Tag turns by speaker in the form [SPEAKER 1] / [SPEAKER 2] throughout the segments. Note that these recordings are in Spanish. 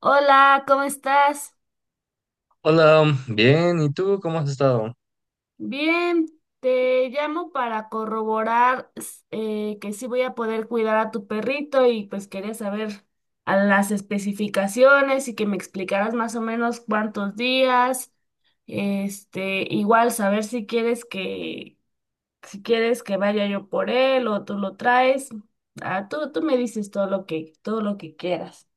[SPEAKER 1] Hola, ¿cómo estás?
[SPEAKER 2] Hola, bien, ¿y tú cómo has estado?
[SPEAKER 1] Bien, te llamo para corroborar que sí voy a poder cuidar a tu perrito y pues quería saber a las especificaciones y que me explicaras más o menos cuántos días, igual saber si quieres que, si quieres que vaya yo por él o tú lo traes. Ah, tú me dices todo lo que quieras.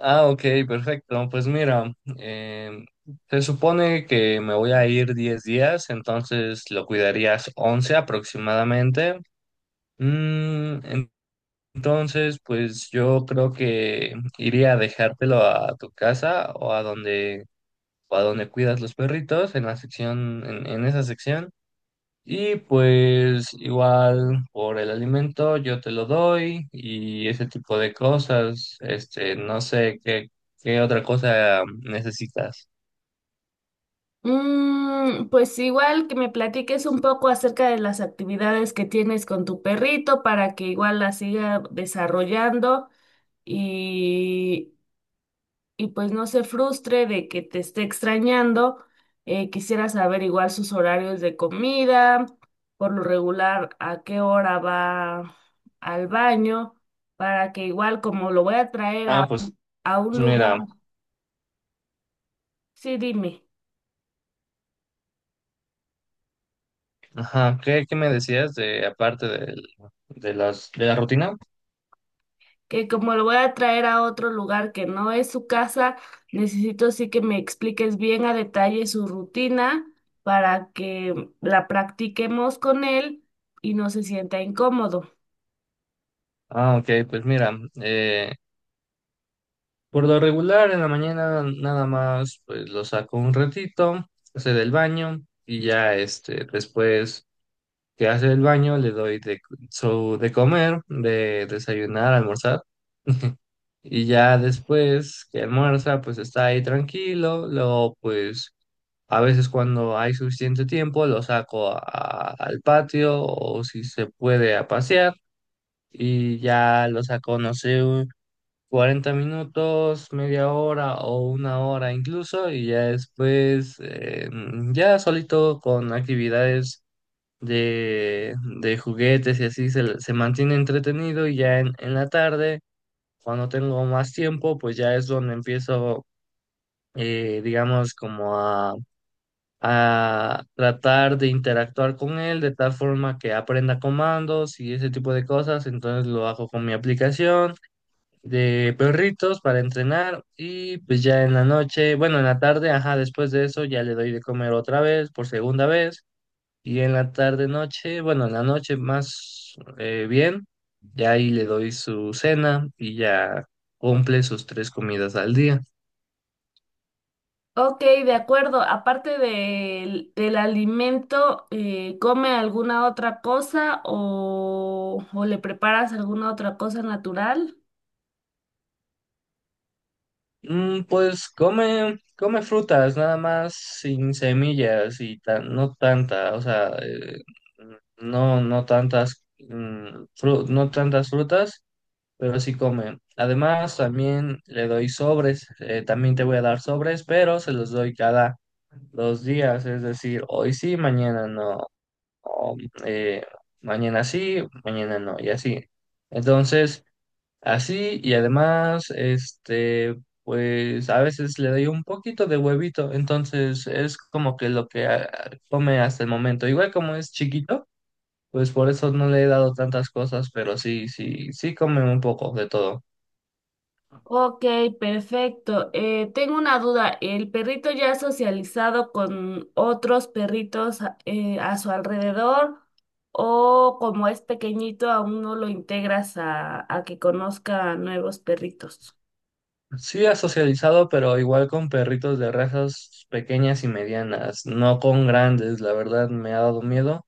[SPEAKER 2] Ah, ok, perfecto. Pues mira, em, se supone que me voy a ir 10 días, entonces lo cuidarías 11 aproximadamente. Mm, en- entonces, pues yo creo que iría a dejártelo a tu casa o a donde cuidas los perritos, en la sección, en esa sección. Y pues igual por el alimento yo te lo doy y ese tipo de cosas. Este, no sé qué otra cosa necesitas.
[SPEAKER 1] Mm, pues igual que me platiques un poco acerca de las actividades que tienes con tu perrito para que igual la siga desarrollando y, y pues no se frustre de que te esté extrañando. Quisiera saber igual sus horarios de comida, por lo regular a qué hora va al baño, para que igual como lo voy a traer
[SPEAKER 2] Ah, pues
[SPEAKER 1] a un lugar.
[SPEAKER 2] mira,
[SPEAKER 1] Sí, dime.
[SPEAKER 2] ajá, ¿qué me decías de aparte de la rutina?
[SPEAKER 1] Que como lo voy a traer a otro lugar que no es su casa, necesito sí que me expliques bien a detalle su rutina para que la practiquemos con él y no se sienta incómodo.
[SPEAKER 2] Ah, ok, pues mira, eh, por lo regular en la mañana nada más pues lo saco un ratito, hace del baño y ya este después que hace el baño, le doy de, su, de comer, de desayunar, almorzar, y ya después que almuerza, pues está ahí tranquilo, luego pues a veces cuando hay suficiente tiempo lo saco al patio o si se puede a pasear y ya lo saco, no sé, un 40 minutos, media hora o 1 hora incluso y ya después ya solito con actividades de, de juguetes y así se mantiene entretenido y ya en la tarde, cuando tengo más tiempo, pues ya es donde empiezo, digamos, como a tratar de interactuar con él de tal forma que aprenda comandos y ese tipo de cosas. Entonces lo hago con mi aplicación de perritos para entrenar y pues ya en la noche, bueno, en la tarde, ajá, después de eso ya le doy de comer otra vez, por segunda vez. Y en la tarde noche, bueno, en la noche más bien, ya ahí le doy su cena y ya cumple sus tres comidas al día.
[SPEAKER 1] Ok, de acuerdo. Aparte del, del alimento, ¿come alguna otra cosa o le preparas alguna otra cosa natural?
[SPEAKER 2] Pues come frutas, nada más sin semillas y no tanta, o sea, no, no tantas, no tantas frutas, pero sí come. Además, también le doy sobres, también te voy a dar sobres, pero se los doy cada los días, es decir, hoy sí, mañana no, o, eh, mañana sí, mañana no, y así. Entonces, así y además, este, pues a veces le doy un poquito de huevito, entonces es como que lo que come hasta el momento. Igual como es chiquito, pues por eso no le he dado tantas cosas, pero sí, sí, sí come un poco de todo.
[SPEAKER 1] Ok, perfecto. Tengo una duda. ¿El perrito ya ha socializado con otros perritos a su alrededor o como es pequeñito aún no lo integras a que conozca nuevos perritos?
[SPEAKER 2] Sí ha socializado, pero igual con perritos de razas pequeñas y medianas, no con grandes, la verdad me ha dado miedo.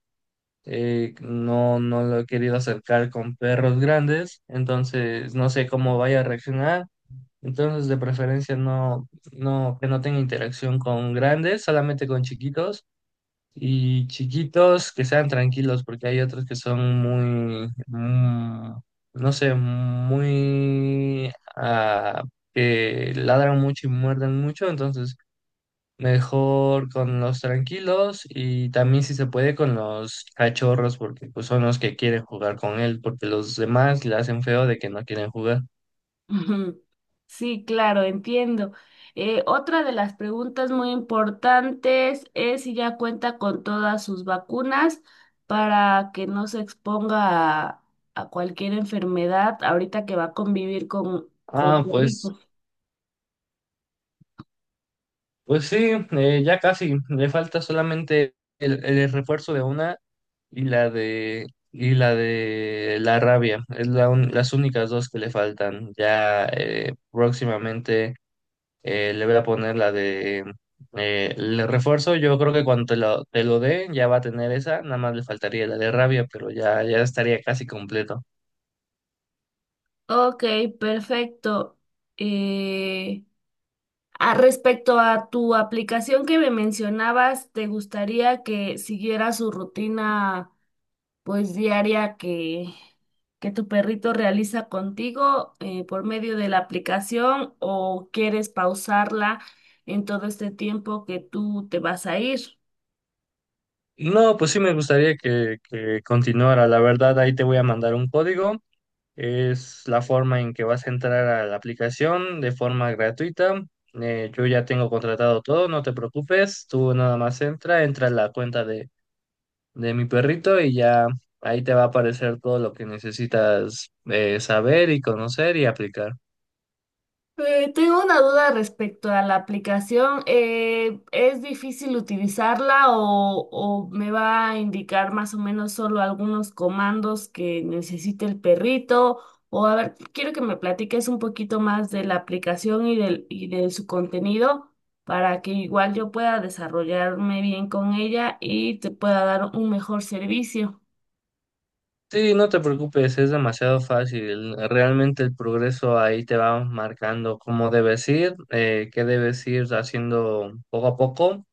[SPEAKER 2] No, no lo he querido acercar con perros grandes, entonces no sé cómo vaya a reaccionar. Entonces, de preferencia no, no, que no tenga interacción con grandes, solamente con chiquitos. Y chiquitos que sean tranquilos, porque hay otros que son muy, no sé, muy, ah, que ladran mucho y muerden mucho, entonces mejor con los tranquilos y también si se puede con los cachorros, porque pues son los que quieren jugar con él, porque los demás le hacen feo de que no quieren jugar.
[SPEAKER 1] Ujú. Sí, claro, entiendo. Otra de las preguntas muy importantes es si ya cuenta con todas sus vacunas para que no se exponga a cualquier enfermedad ahorita que va a convivir con
[SPEAKER 2] Ah, pues
[SPEAKER 1] perritos.
[SPEAKER 2] Pues sí, ya casi. Le falta solamente el refuerzo de una y la de la rabia. Es las únicas dos que le faltan. Ya próximamente le voy a poner la de el refuerzo. Yo creo que cuando te lo dé ya va a tener esa. Nada más le faltaría la de rabia, pero ya estaría casi completo.
[SPEAKER 1] Ok, perfecto. Eh, Respecto a tu aplicación que me mencionabas, ¿te gustaría que siguiera su rutina pues diaria que tu perrito realiza contigo por medio de la aplicación o quieres pausarla en todo este tiempo que tú te vas a ir?
[SPEAKER 2] No, pues sí me gustaría que continuara. La verdad, ahí te voy a mandar un código. Es la forma en que vas a entrar a la aplicación de forma gratuita. Yo ya tengo contratado todo, no te preocupes. Tú nada más entra a la cuenta de mi perrito y ya ahí te va a aparecer todo lo que necesitas saber y conocer y aplicar.
[SPEAKER 1] Tengo una duda respecto a la aplicación. ¿Es difícil utilizarla o me va a indicar más o menos solo algunos comandos que necesite el perrito? O a ver, quiero que me platiques un poquito más de la aplicación y del, y de su contenido para que igual yo pueda desarrollarme bien con ella y te pueda dar un mejor servicio.
[SPEAKER 2] Sí, no te preocupes, es demasiado fácil. Realmente el progreso ahí te va marcando cómo debes ir, qué debes ir haciendo poco a poco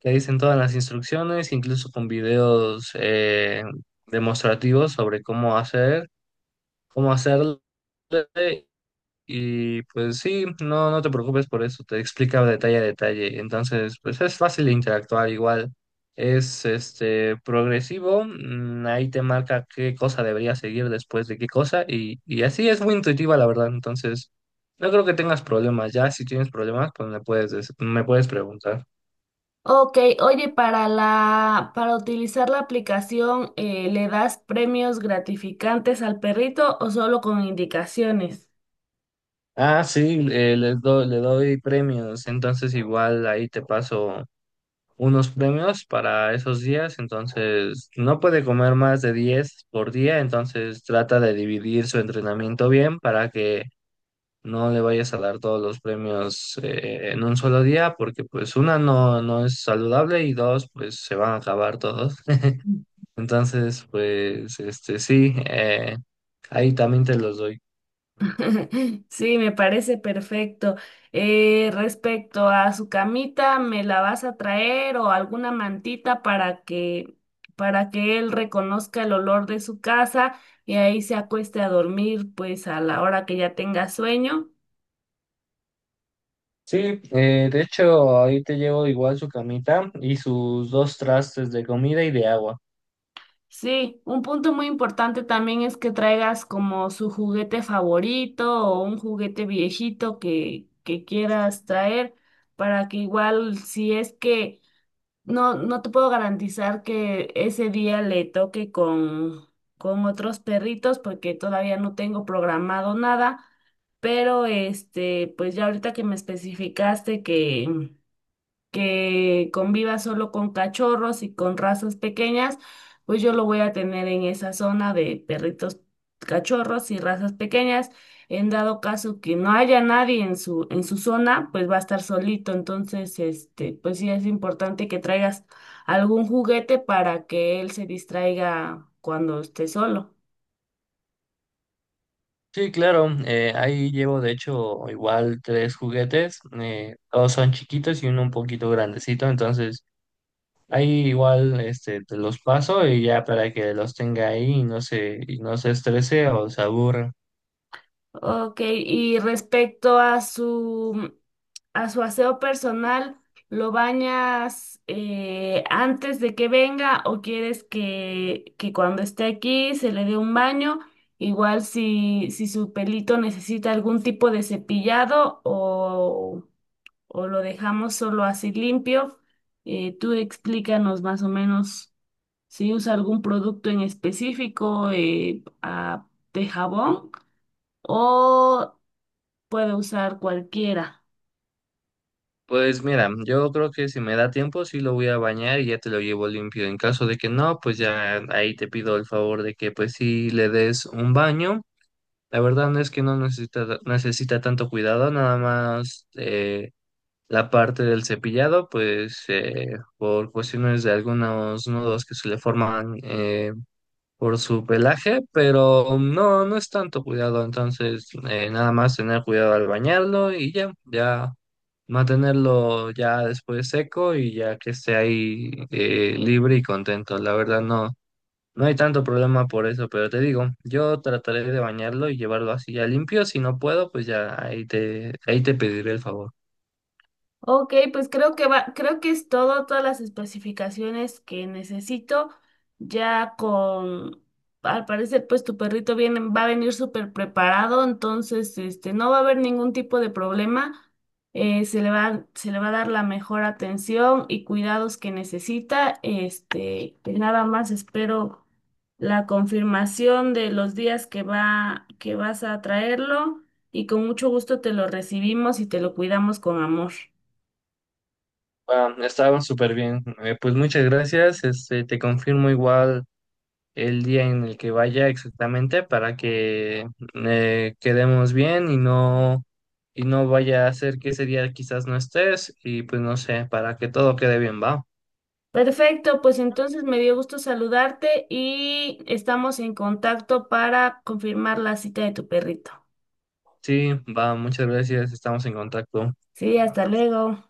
[SPEAKER 2] que dicen todas las instrucciones, incluso con videos demostrativos sobre cómo hacerlo. Y pues sí, no, no te preocupes por eso, te explica detalle a detalle. Entonces, pues es fácil de interactuar igual. Es este progresivo, ahí te marca qué cosa debería seguir después de qué cosa, y así es muy intuitiva, la verdad. Entonces, no creo que tengas problemas. Ya si tienes problemas, pues me puedes preguntar.
[SPEAKER 1] Ok, oye, para la, para utilizar la aplicación, ¿le das premios gratificantes al perrito o solo con indicaciones?
[SPEAKER 2] Ah, sí, le doy premios, entonces igual ahí te paso unos premios para esos días, entonces no puede comer más de 10 por día, entonces trata de dividir su entrenamiento bien para que no le vayas a dar todos los premios en un solo día, porque pues una no, no es saludable y dos pues se van a acabar todos. Entonces pues este sí, ahí también te los doy.
[SPEAKER 1] Sí, me parece perfecto. Respecto a su camita, ¿me la vas a traer o alguna mantita para que él reconozca el olor de su casa y ahí se acueste a dormir, pues a la hora que ya tenga sueño?
[SPEAKER 2] Sí, de hecho, ahí te llevo igual su camita y sus dos trastes de comida y de agua.
[SPEAKER 1] Sí, un punto muy importante también es que traigas como su juguete favorito o un juguete viejito que quieras traer para que igual si es que no, no te puedo garantizar que ese día le toque con otros perritos porque todavía no tengo programado nada, pero pues ya ahorita que me especificaste que conviva solo con cachorros y con razas pequeñas, pues yo lo voy a tener en esa zona de perritos cachorros y razas pequeñas. En dado caso que no haya nadie en su, en su zona, pues va a estar solito. Entonces, pues sí es importante que traigas algún juguete para que él se distraiga cuando esté solo.
[SPEAKER 2] Sí, claro, ahí llevo de hecho igual tres juguetes, todos son chiquitos y uno un poquito grandecito, entonces ahí igual este, te los paso y ya para que los tenga ahí y no se estrese o se aburra.
[SPEAKER 1] Ok, y respecto a su aseo personal, ¿lo bañas antes de que venga o quieres que cuando esté aquí se le dé un baño? Igual si, si su pelito necesita algún tipo de cepillado o lo dejamos solo así limpio, tú explícanos más o menos si usa algún producto en específico de jabón. O puedo usar cualquiera.
[SPEAKER 2] Pues mira, yo creo que si me da tiempo sí lo voy a bañar y ya te lo llevo limpio. En caso de que no, pues ya ahí te pido el favor de que pues sí le des un baño. La verdad no es que no necesita tanto cuidado, nada más la parte del cepillado, pues por cuestiones de algunos nudos que se le forman por su pelaje, pero no, no es tanto cuidado, entonces nada más tener cuidado al bañarlo y ya mantenerlo ya después seco y ya que esté ahí libre y contento. La verdad no. No hay tanto problema por eso, pero te digo, yo trataré de bañarlo y llevarlo así ya limpio. Si no puedo, pues ya ahí te pediré el favor.
[SPEAKER 1] Ok, pues creo que va, creo que es todo, todas las especificaciones que necesito, ya con, al parecer, pues tu perrito viene, va a venir súper preparado, entonces, no va a haber ningún tipo de problema, se le va a dar la mejor atención y cuidados que necesita, pues nada más espero la confirmación de los días que va, que vas a traerlo y con mucho gusto te lo recibimos y te lo cuidamos con amor.
[SPEAKER 2] Bueno, estaba súper bien. Pues muchas gracias. Este, te confirmo igual el día en el que vaya exactamente para que quedemos bien y no vaya a ser que ese día quizás no estés y pues no sé, para que todo quede bien, ¿va?
[SPEAKER 1] Perfecto, pues entonces me dio gusto saludarte y estamos en contacto para confirmar la cita de tu perrito.
[SPEAKER 2] Sí, va, muchas gracias. Estamos en contacto.
[SPEAKER 1] Sí, hasta luego.